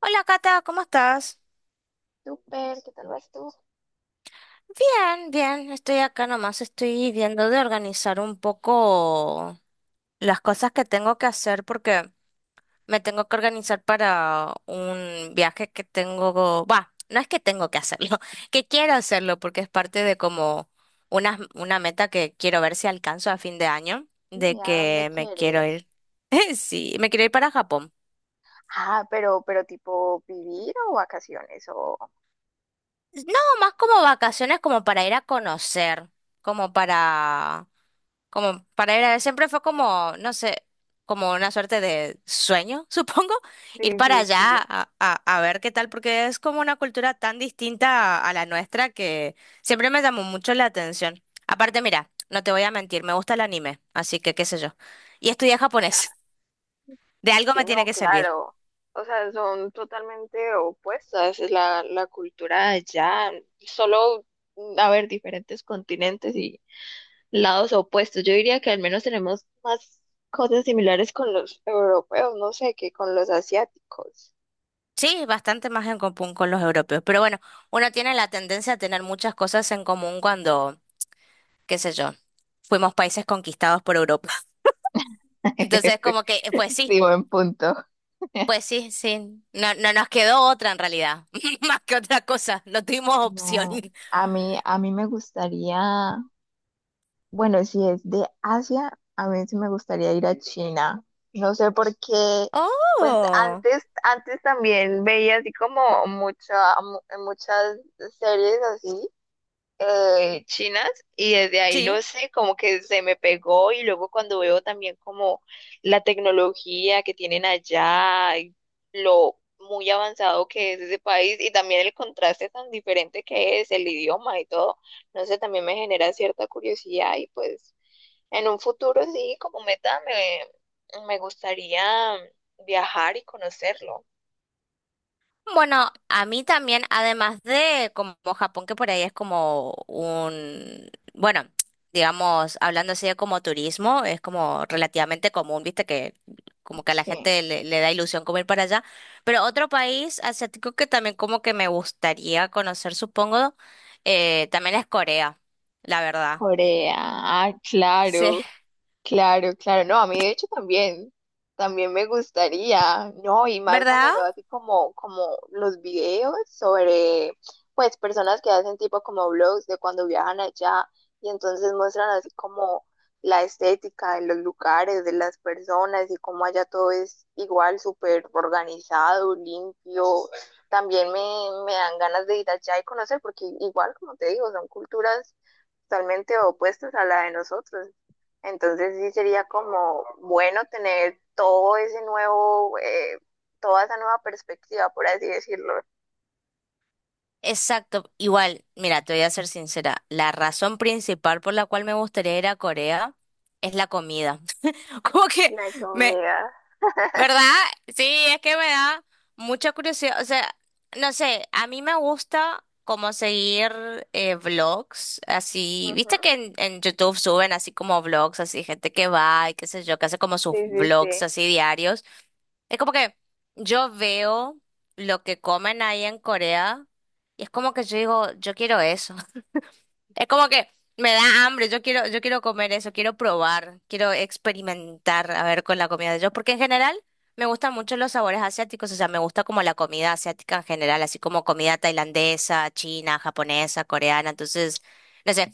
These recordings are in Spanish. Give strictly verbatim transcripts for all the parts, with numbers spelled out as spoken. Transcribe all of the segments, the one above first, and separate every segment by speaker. Speaker 1: Hola Cata, ¿cómo estás?
Speaker 2: Súper, ¿qué tal vas tú?
Speaker 1: Bien, bien, estoy acá nomás, estoy viendo de organizar un poco las cosas que tengo que hacer porque me tengo que organizar para un viaje que tengo, va, no es que tengo que hacerlo, que quiero hacerlo porque es parte de como una, una meta que quiero ver si alcanzo a fin de año,
Speaker 2: ¿Y
Speaker 1: de
Speaker 2: a dónde
Speaker 1: que me quiero
Speaker 2: quieres?
Speaker 1: ir, sí, me quiero ir para Japón.
Speaker 2: Ah, pero, pero tipo vivir o vacaciones o...
Speaker 1: No, más como vacaciones, como para ir a conocer, como para, como para ir a ver. Siempre fue como, no sé, como una suerte de sueño, supongo, ir
Speaker 2: Sí,
Speaker 1: para
Speaker 2: sí,
Speaker 1: allá
Speaker 2: sí.
Speaker 1: a, a- a ver qué tal, porque es como una cultura tan distinta a, a la nuestra que siempre me llamó mucho la atención. Aparte, mira, no te voy a mentir, me gusta el anime, así que qué sé yo. Y estudié japonés, de algo
Speaker 2: Sí,
Speaker 1: me tiene
Speaker 2: no,
Speaker 1: que servir.
Speaker 2: claro. O sea, son totalmente opuestas. La, la cultura de allá, solo, mm, a ver, diferentes continentes y lados opuestos. Yo diría que al menos tenemos más cosas similares con los europeos, no sé, que con los asiáticos.
Speaker 1: Sí, bastante más en común con los europeos. Pero bueno, uno tiene la tendencia a tener muchas cosas en común cuando, qué sé yo, fuimos países conquistados por Europa. Entonces, como que, eh, pues sí,
Speaker 2: Sí, buen punto.
Speaker 1: pues sí, sí. No, no nos quedó otra en realidad, más que otra cosa. No tuvimos opción.
Speaker 2: No, a mí, a mí me gustaría, bueno, si es de Asia, a mí sí me gustaría ir a China. No sé por qué, pues
Speaker 1: Oh,
Speaker 2: antes, antes también veía así como mucha, mu- muchas series así eh, chinas y desde ahí
Speaker 1: sí.
Speaker 2: no sé, como que se me pegó y luego cuando veo también como la tecnología que tienen allá, y lo muy avanzado que es ese país y también el contraste tan diferente que es el idioma y todo, no sé, también me genera cierta curiosidad y pues en un futuro sí, como meta me, me gustaría viajar y conocerlo.
Speaker 1: Bueno, a mí también, además de como Japón, que por ahí es como un, bueno, digamos, hablando así de como turismo, es como relativamente común, viste, que como que a la
Speaker 2: Sí.
Speaker 1: gente le, le da ilusión como ir para allá. Pero otro país asiático que también como que me gustaría conocer, supongo, eh, también es Corea, la verdad.
Speaker 2: Corea, ah,
Speaker 1: Sí.
Speaker 2: claro. Claro, claro, no, a mí de hecho también, también me gustaría, no, y más cuando
Speaker 1: ¿Verdad?
Speaker 2: veo así como, como los videos sobre, pues, personas que hacen tipo como vlogs de cuando viajan allá y entonces muestran así como la estética de los lugares, de las personas y cómo allá todo es igual, súper organizado, limpio. También me, me dan ganas de ir allá y conocer porque igual, como te digo, son culturas totalmente opuestas a la de nosotros. Entonces sí sería como bueno tener todo ese nuevo, eh, toda esa nueva perspectiva, por así decirlo.
Speaker 1: Exacto. Igual, mira, te voy a ser sincera. La razón principal por la cual me gustaría ir a Corea es la comida. Como que
Speaker 2: La
Speaker 1: me,
Speaker 2: comida.
Speaker 1: ¿verdad? Sí, es que me da mucha curiosidad. O sea, no sé, a mí me gusta como seguir eh, vlogs, así, viste
Speaker 2: Ujú.
Speaker 1: que en, en YouTube suben así como vlogs, así gente que va y qué sé yo, que hace como
Speaker 2: Sí,
Speaker 1: sus
Speaker 2: sí,
Speaker 1: vlogs
Speaker 2: sí.
Speaker 1: así diarios. Es como que yo veo lo que comen ahí en Corea y es como que yo digo, yo quiero eso. Es como que me da hambre, yo quiero, yo quiero comer eso, quiero probar, quiero experimentar, a ver, con la comida de ellos, porque en general me gustan mucho los sabores asiáticos, o sea, me gusta como la comida asiática en general, así como comida tailandesa, china, japonesa, coreana, entonces, no sé,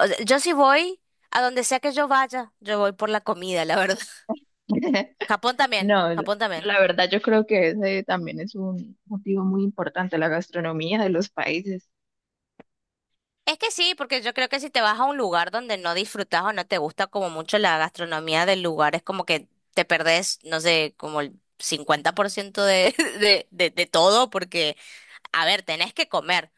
Speaker 1: o sea, yo sí voy a donde sea que yo vaya, yo voy por la comida, la verdad. Japón también,
Speaker 2: No, la
Speaker 1: Japón también.
Speaker 2: la verdad yo creo que ese también es un motivo muy importante, la gastronomía de los países.
Speaker 1: Es que sí, porque yo creo que si te vas a un lugar donde no disfrutas o no te gusta como mucho la gastronomía del lugar, es como que te perdés, no sé, como el cincuenta por ciento de, de, de, de todo, porque, a ver, tenés que comer.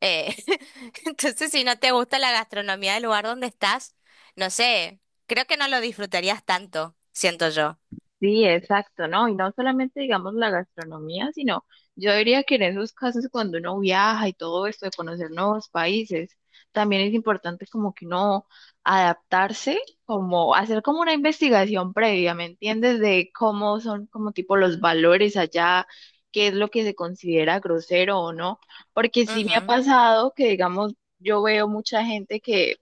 Speaker 1: Eh, entonces, si no te gusta la gastronomía del lugar donde estás, no sé, creo que no lo disfrutarías tanto, siento yo.
Speaker 2: Sí, exacto, ¿no? Y no solamente, digamos, la gastronomía, sino yo diría que en esos casos cuando uno viaja y todo esto de conocer nuevos países, también es importante como que uno adaptarse, como hacer como una investigación previa, ¿me entiendes? De cómo son como tipo los valores allá, qué es lo que se considera grosero o no, porque sí me ha
Speaker 1: Ujú,
Speaker 2: pasado que, digamos, yo veo mucha gente que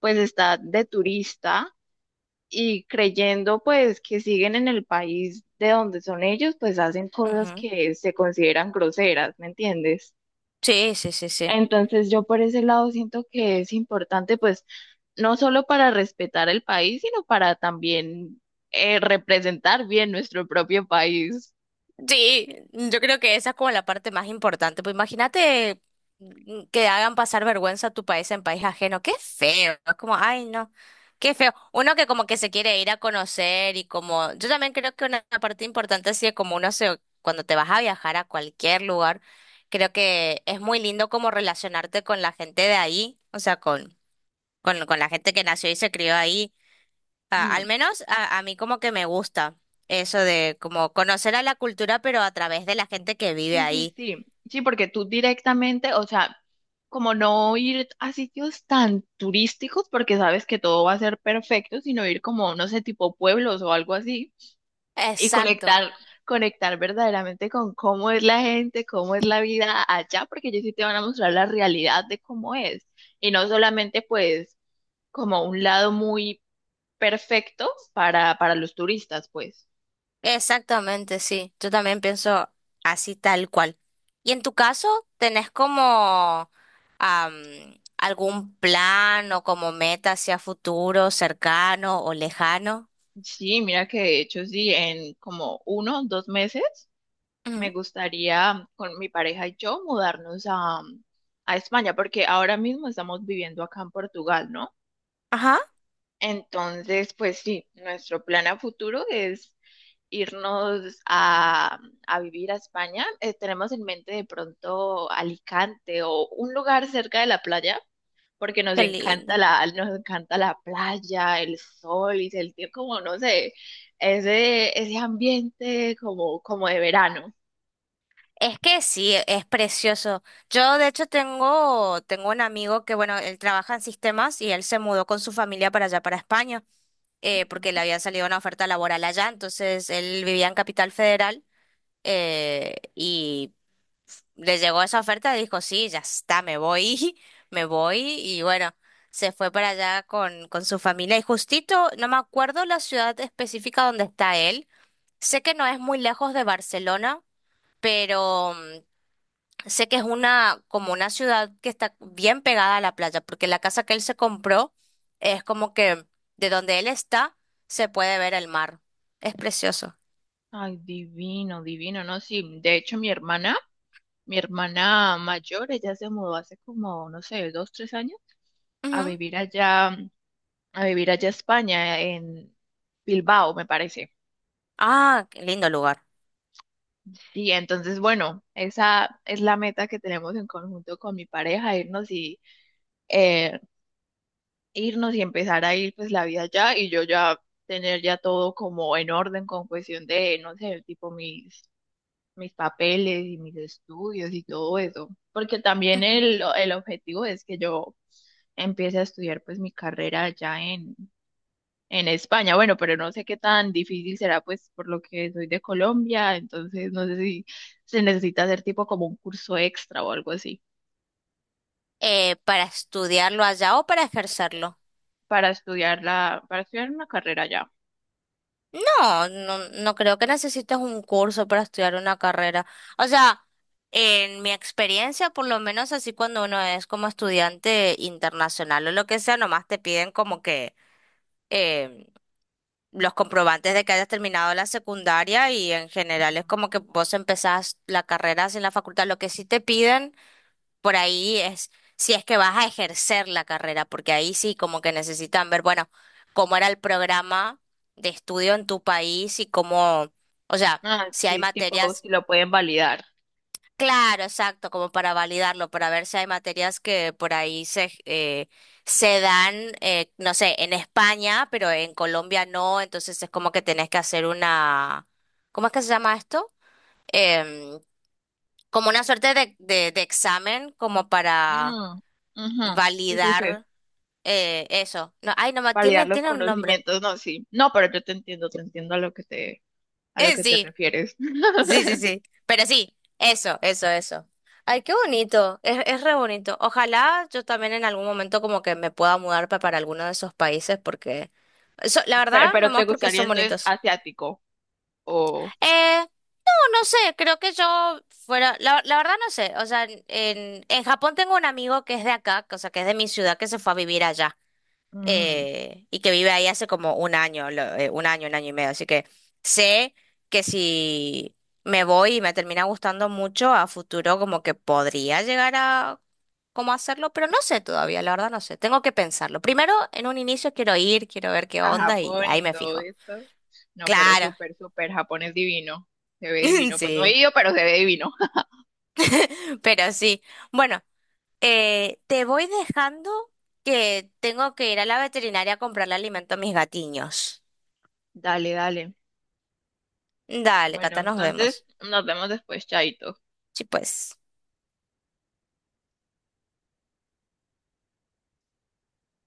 Speaker 2: pues está de turista y creyendo pues que siguen en el país de donde son ellos, pues hacen cosas
Speaker 1: ujú.
Speaker 2: que se consideran groseras, ¿me entiendes?
Speaker 1: Sí, sí, sí, sí.
Speaker 2: Entonces yo por ese lado siento que es importante pues no solo para respetar el país, sino para también eh, representar bien nuestro propio país.
Speaker 1: Sí, yo creo que esa es como la parte más importante. Pues imagínate mm, que hagan pasar vergüenza a tu país en país ajeno. Qué feo. Es como, ay, no. Qué feo. Uno que como que se quiere ir a conocer y como, yo también creo que una parte importante así es como uno se, cuando te vas a viajar a cualquier lugar, creo que es muy lindo como relacionarte con la gente de ahí, o sea, con, con, con la gente que nació y se crió ahí. Ah,
Speaker 2: Mm.
Speaker 1: al menos a, a mí como que me gusta eso de como conocer a la cultura, pero a través de la gente que vive
Speaker 2: Sí, sí,
Speaker 1: ahí.
Speaker 2: sí, sí, porque tú directamente, o sea, como no ir a sitios tan turísticos porque sabes que todo va a ser perfecto, sino ir como, no sé, tipo pueblos o algo así y
Speaker 1: Exacto,
Speaker 2: conectar, conectar verdaderamente con cómo es la gente, cómo es la vida allá, porque ellos sí te van a mostrar la realidad de cómo es. Y no solamente pues como un lado muy perfecto para, para los turistas, pues.
Speaker 1: exactamente, sí. Yo también pienso así tal cual. ¿Y en tu caso, tenés como am, algún plan o como meta hacia futuro, cercano o lejano?
Speaker 2: Sí, mira que de hecho sí, en como uno, dos meses me
Speaker 1: Ujú.
Speaker 2: gustaría con mi pareja y yo mudarnos a, a España, porque ahora mismo estamos viviendo acá en Portugal, ¿no?
Speaker 1: Ajá,
Speaker 2: Entonces, pues sí, nuestro plan a futuro es irnos a, a vivir a España. Eh, tenemos en mente de pronto Alicante o un lugar cerca de la playa, porque nos
Speaker 1: qué lindo.
Speaker 2: encanta la, nos encanta la playa, el sol y sentir como, no sé, ese, ese ambiente como, como de verano.
Speaker 1: Es que sí, es precioso. Yo de hecho tengo, tengo un amigo que, bueno, él trabaja en sistemas y él se mudó con su familia para allá, para España, eh, porque
Speaker 2: ¿No?
Speaker 1: le había salido una oferta laboral allá, entonces él vivía en Capital Federal eh, y le llegó esa oferta y dijo, sí, ya está, me voy, me voy y bueno, se fue para allá con, con su familia y justito, no me acuerdo la ciudad específica donde está él, sé que no es muy lejos de Barcelona, pero mm, sé que es una, como una ciudad que está bien pegada a la playa, porque la casa que él se compró es como que de donde él está se puede ver el mar. Es precioso.
Speaker 2: Ay, divino, divino, ¿no? Sí, de hecho mi hermana, mi hermana mayor, ella se mudó hace como, no sé, dos, tres años a
Speaker 1: Ujú.
Speaker 2: vivir allá a vivir allá a España, en Bilbao, me parece.
Speaker 1: Ah, qué lindo lugar.
Speaker 2: Y entonces, bueno, esa es la meta que tenemos en conjunto con mi pareja, irnos y eh, irnos y empezar a ir pues la vida allá y yo ya tener ya todo como en orden con cuestión de, no sé, tipo mis mis papeles y mis estudios y todo eso, porque también
Speaker 1: Ujú.
Speaker 2: el, el objetivo es que yo empiece a estudiar pues mi carrera allá en, En España. Bueno, pero no sé qué tan difícil será, pues por lo que soy de Colombia, entonces no sé si se necesita hacer tipo como un curso extra o algo así
Speaker 1: Eh, ¿para estudiarlo allá o para ejercerlo?
Speaker 2: para estudiar la, para estudiar una carrera ya.
Speaker 1: No, no, no creo que necesites un curso para estudiar una carrera. O sea, en mi experiencia, por lo menos así cuando uno es como estudiante internacional o lo que sea, nomás te piden como que eh, los comprobantes de que hayas terminado la secundaria y en general
Speaker 2: Ujú.
Speaker 1: es como que vos empezás la carrera sin la facultad. Lo que sí te piden por ahí es si es que vas a ejercer la carrera, porque ahí sí como que necesitan ver, bueno, cómo era el programa de estudio en tu país y cómo, o sea,
Speaker 2: Ah,
Speaker 1: si hay
Speaker 2: sí, tipo
Speaker 1: materias.
Speaker 2: si lo pueden validar.
Speaker 1: Claro, exacto, como para validarlo, para ver si hay materias que por ahí se, eh, se dan, eh, no sé, en España, pero en Colombia no, entonces es como que tenés que hacer una, ¿cómo es que se llama esto? Em, Como una suerte de, de, de examen, como para
Speaker 2: Mm, ujú. Sí, sí, sí.
Speaker 1: validar eh, eso. No, ay, no, ma- tiene,
Speaker 2: Validar los
Speaker 1: tiene un nombre.
Speaker 2: conocimientos, no, sí. No, pero yo te entiendo, te entiendo a lo que te, a lo
Speaker 1: Eh,
Speaker 2: que te
Speaker 1: sí.
Speaker 2: refieres.
Speaker 1: Sí, sí, sí. Pero sí, eso, eso, eso. Ay, qué bonito, es, es re bonito. Ojalá yo también en algún momento como que me pueda mudar pa- para alguno de esos países porque, so- la
Speaker 2: Pero,
Speaker 1: verdad,
Speaker 2: pero ¿te
Speaker 1: nomás porque
Speaker 2: gustaría
Speaker 1: son
Speaker 2: entonces
Speaker 1: bonitos.
Speaker 2: asiático o?
Speaker 1: Eh, no, no sé, creo que yo fuera, la, la verdad no sé, o sea, en, en Japón tengo un amigo que es de acá, o sea, que es de mi ciudad, que se fue a vivir allá
Speaker 2: Mm.
Speaker 1: eh, y que vive ahí hace como un año, lo- eh, un año, un año y medio. Así que sé que si me voy y me termina gustando mucho, a futuro como que podría llegar a como hacerlo, pero no sé todavía, la verdad no sé. Tengo que pensarlo. Primero, en un inicio quiero ir, quiero ver qué
Speaker 2: A
Speaker 1: onda y
Speaker 2: Japón
Speaker 1: ahí
Speaker 2: y
Speaker 1: me
Speaker 2: todo
Speaker 1: fijo.
Speaker 2: esto. No, pero
Speaker 1: Claro,
Speaker 2: súper, súper, Japón es divino. Se ve divino. Pues no he
Speaker 1: sí,
Speaker 2: ido, pero se ve divino.
Speaker 1: pero sí. Bueno, eh, te voy dejando que tengo que ir a la veterinaria a comprarle alimento a mis gatiños.
Speaker 2: Dale, dale.
Speaker 1: Dale,
Speaker 2: Bueno,
Speaker 1: Cata, nos
Speaker 2: entonces
Speaker 1: vemos.
Speaker 2: nos vemos después, Chaito.
Speaker 1: Sí, pues.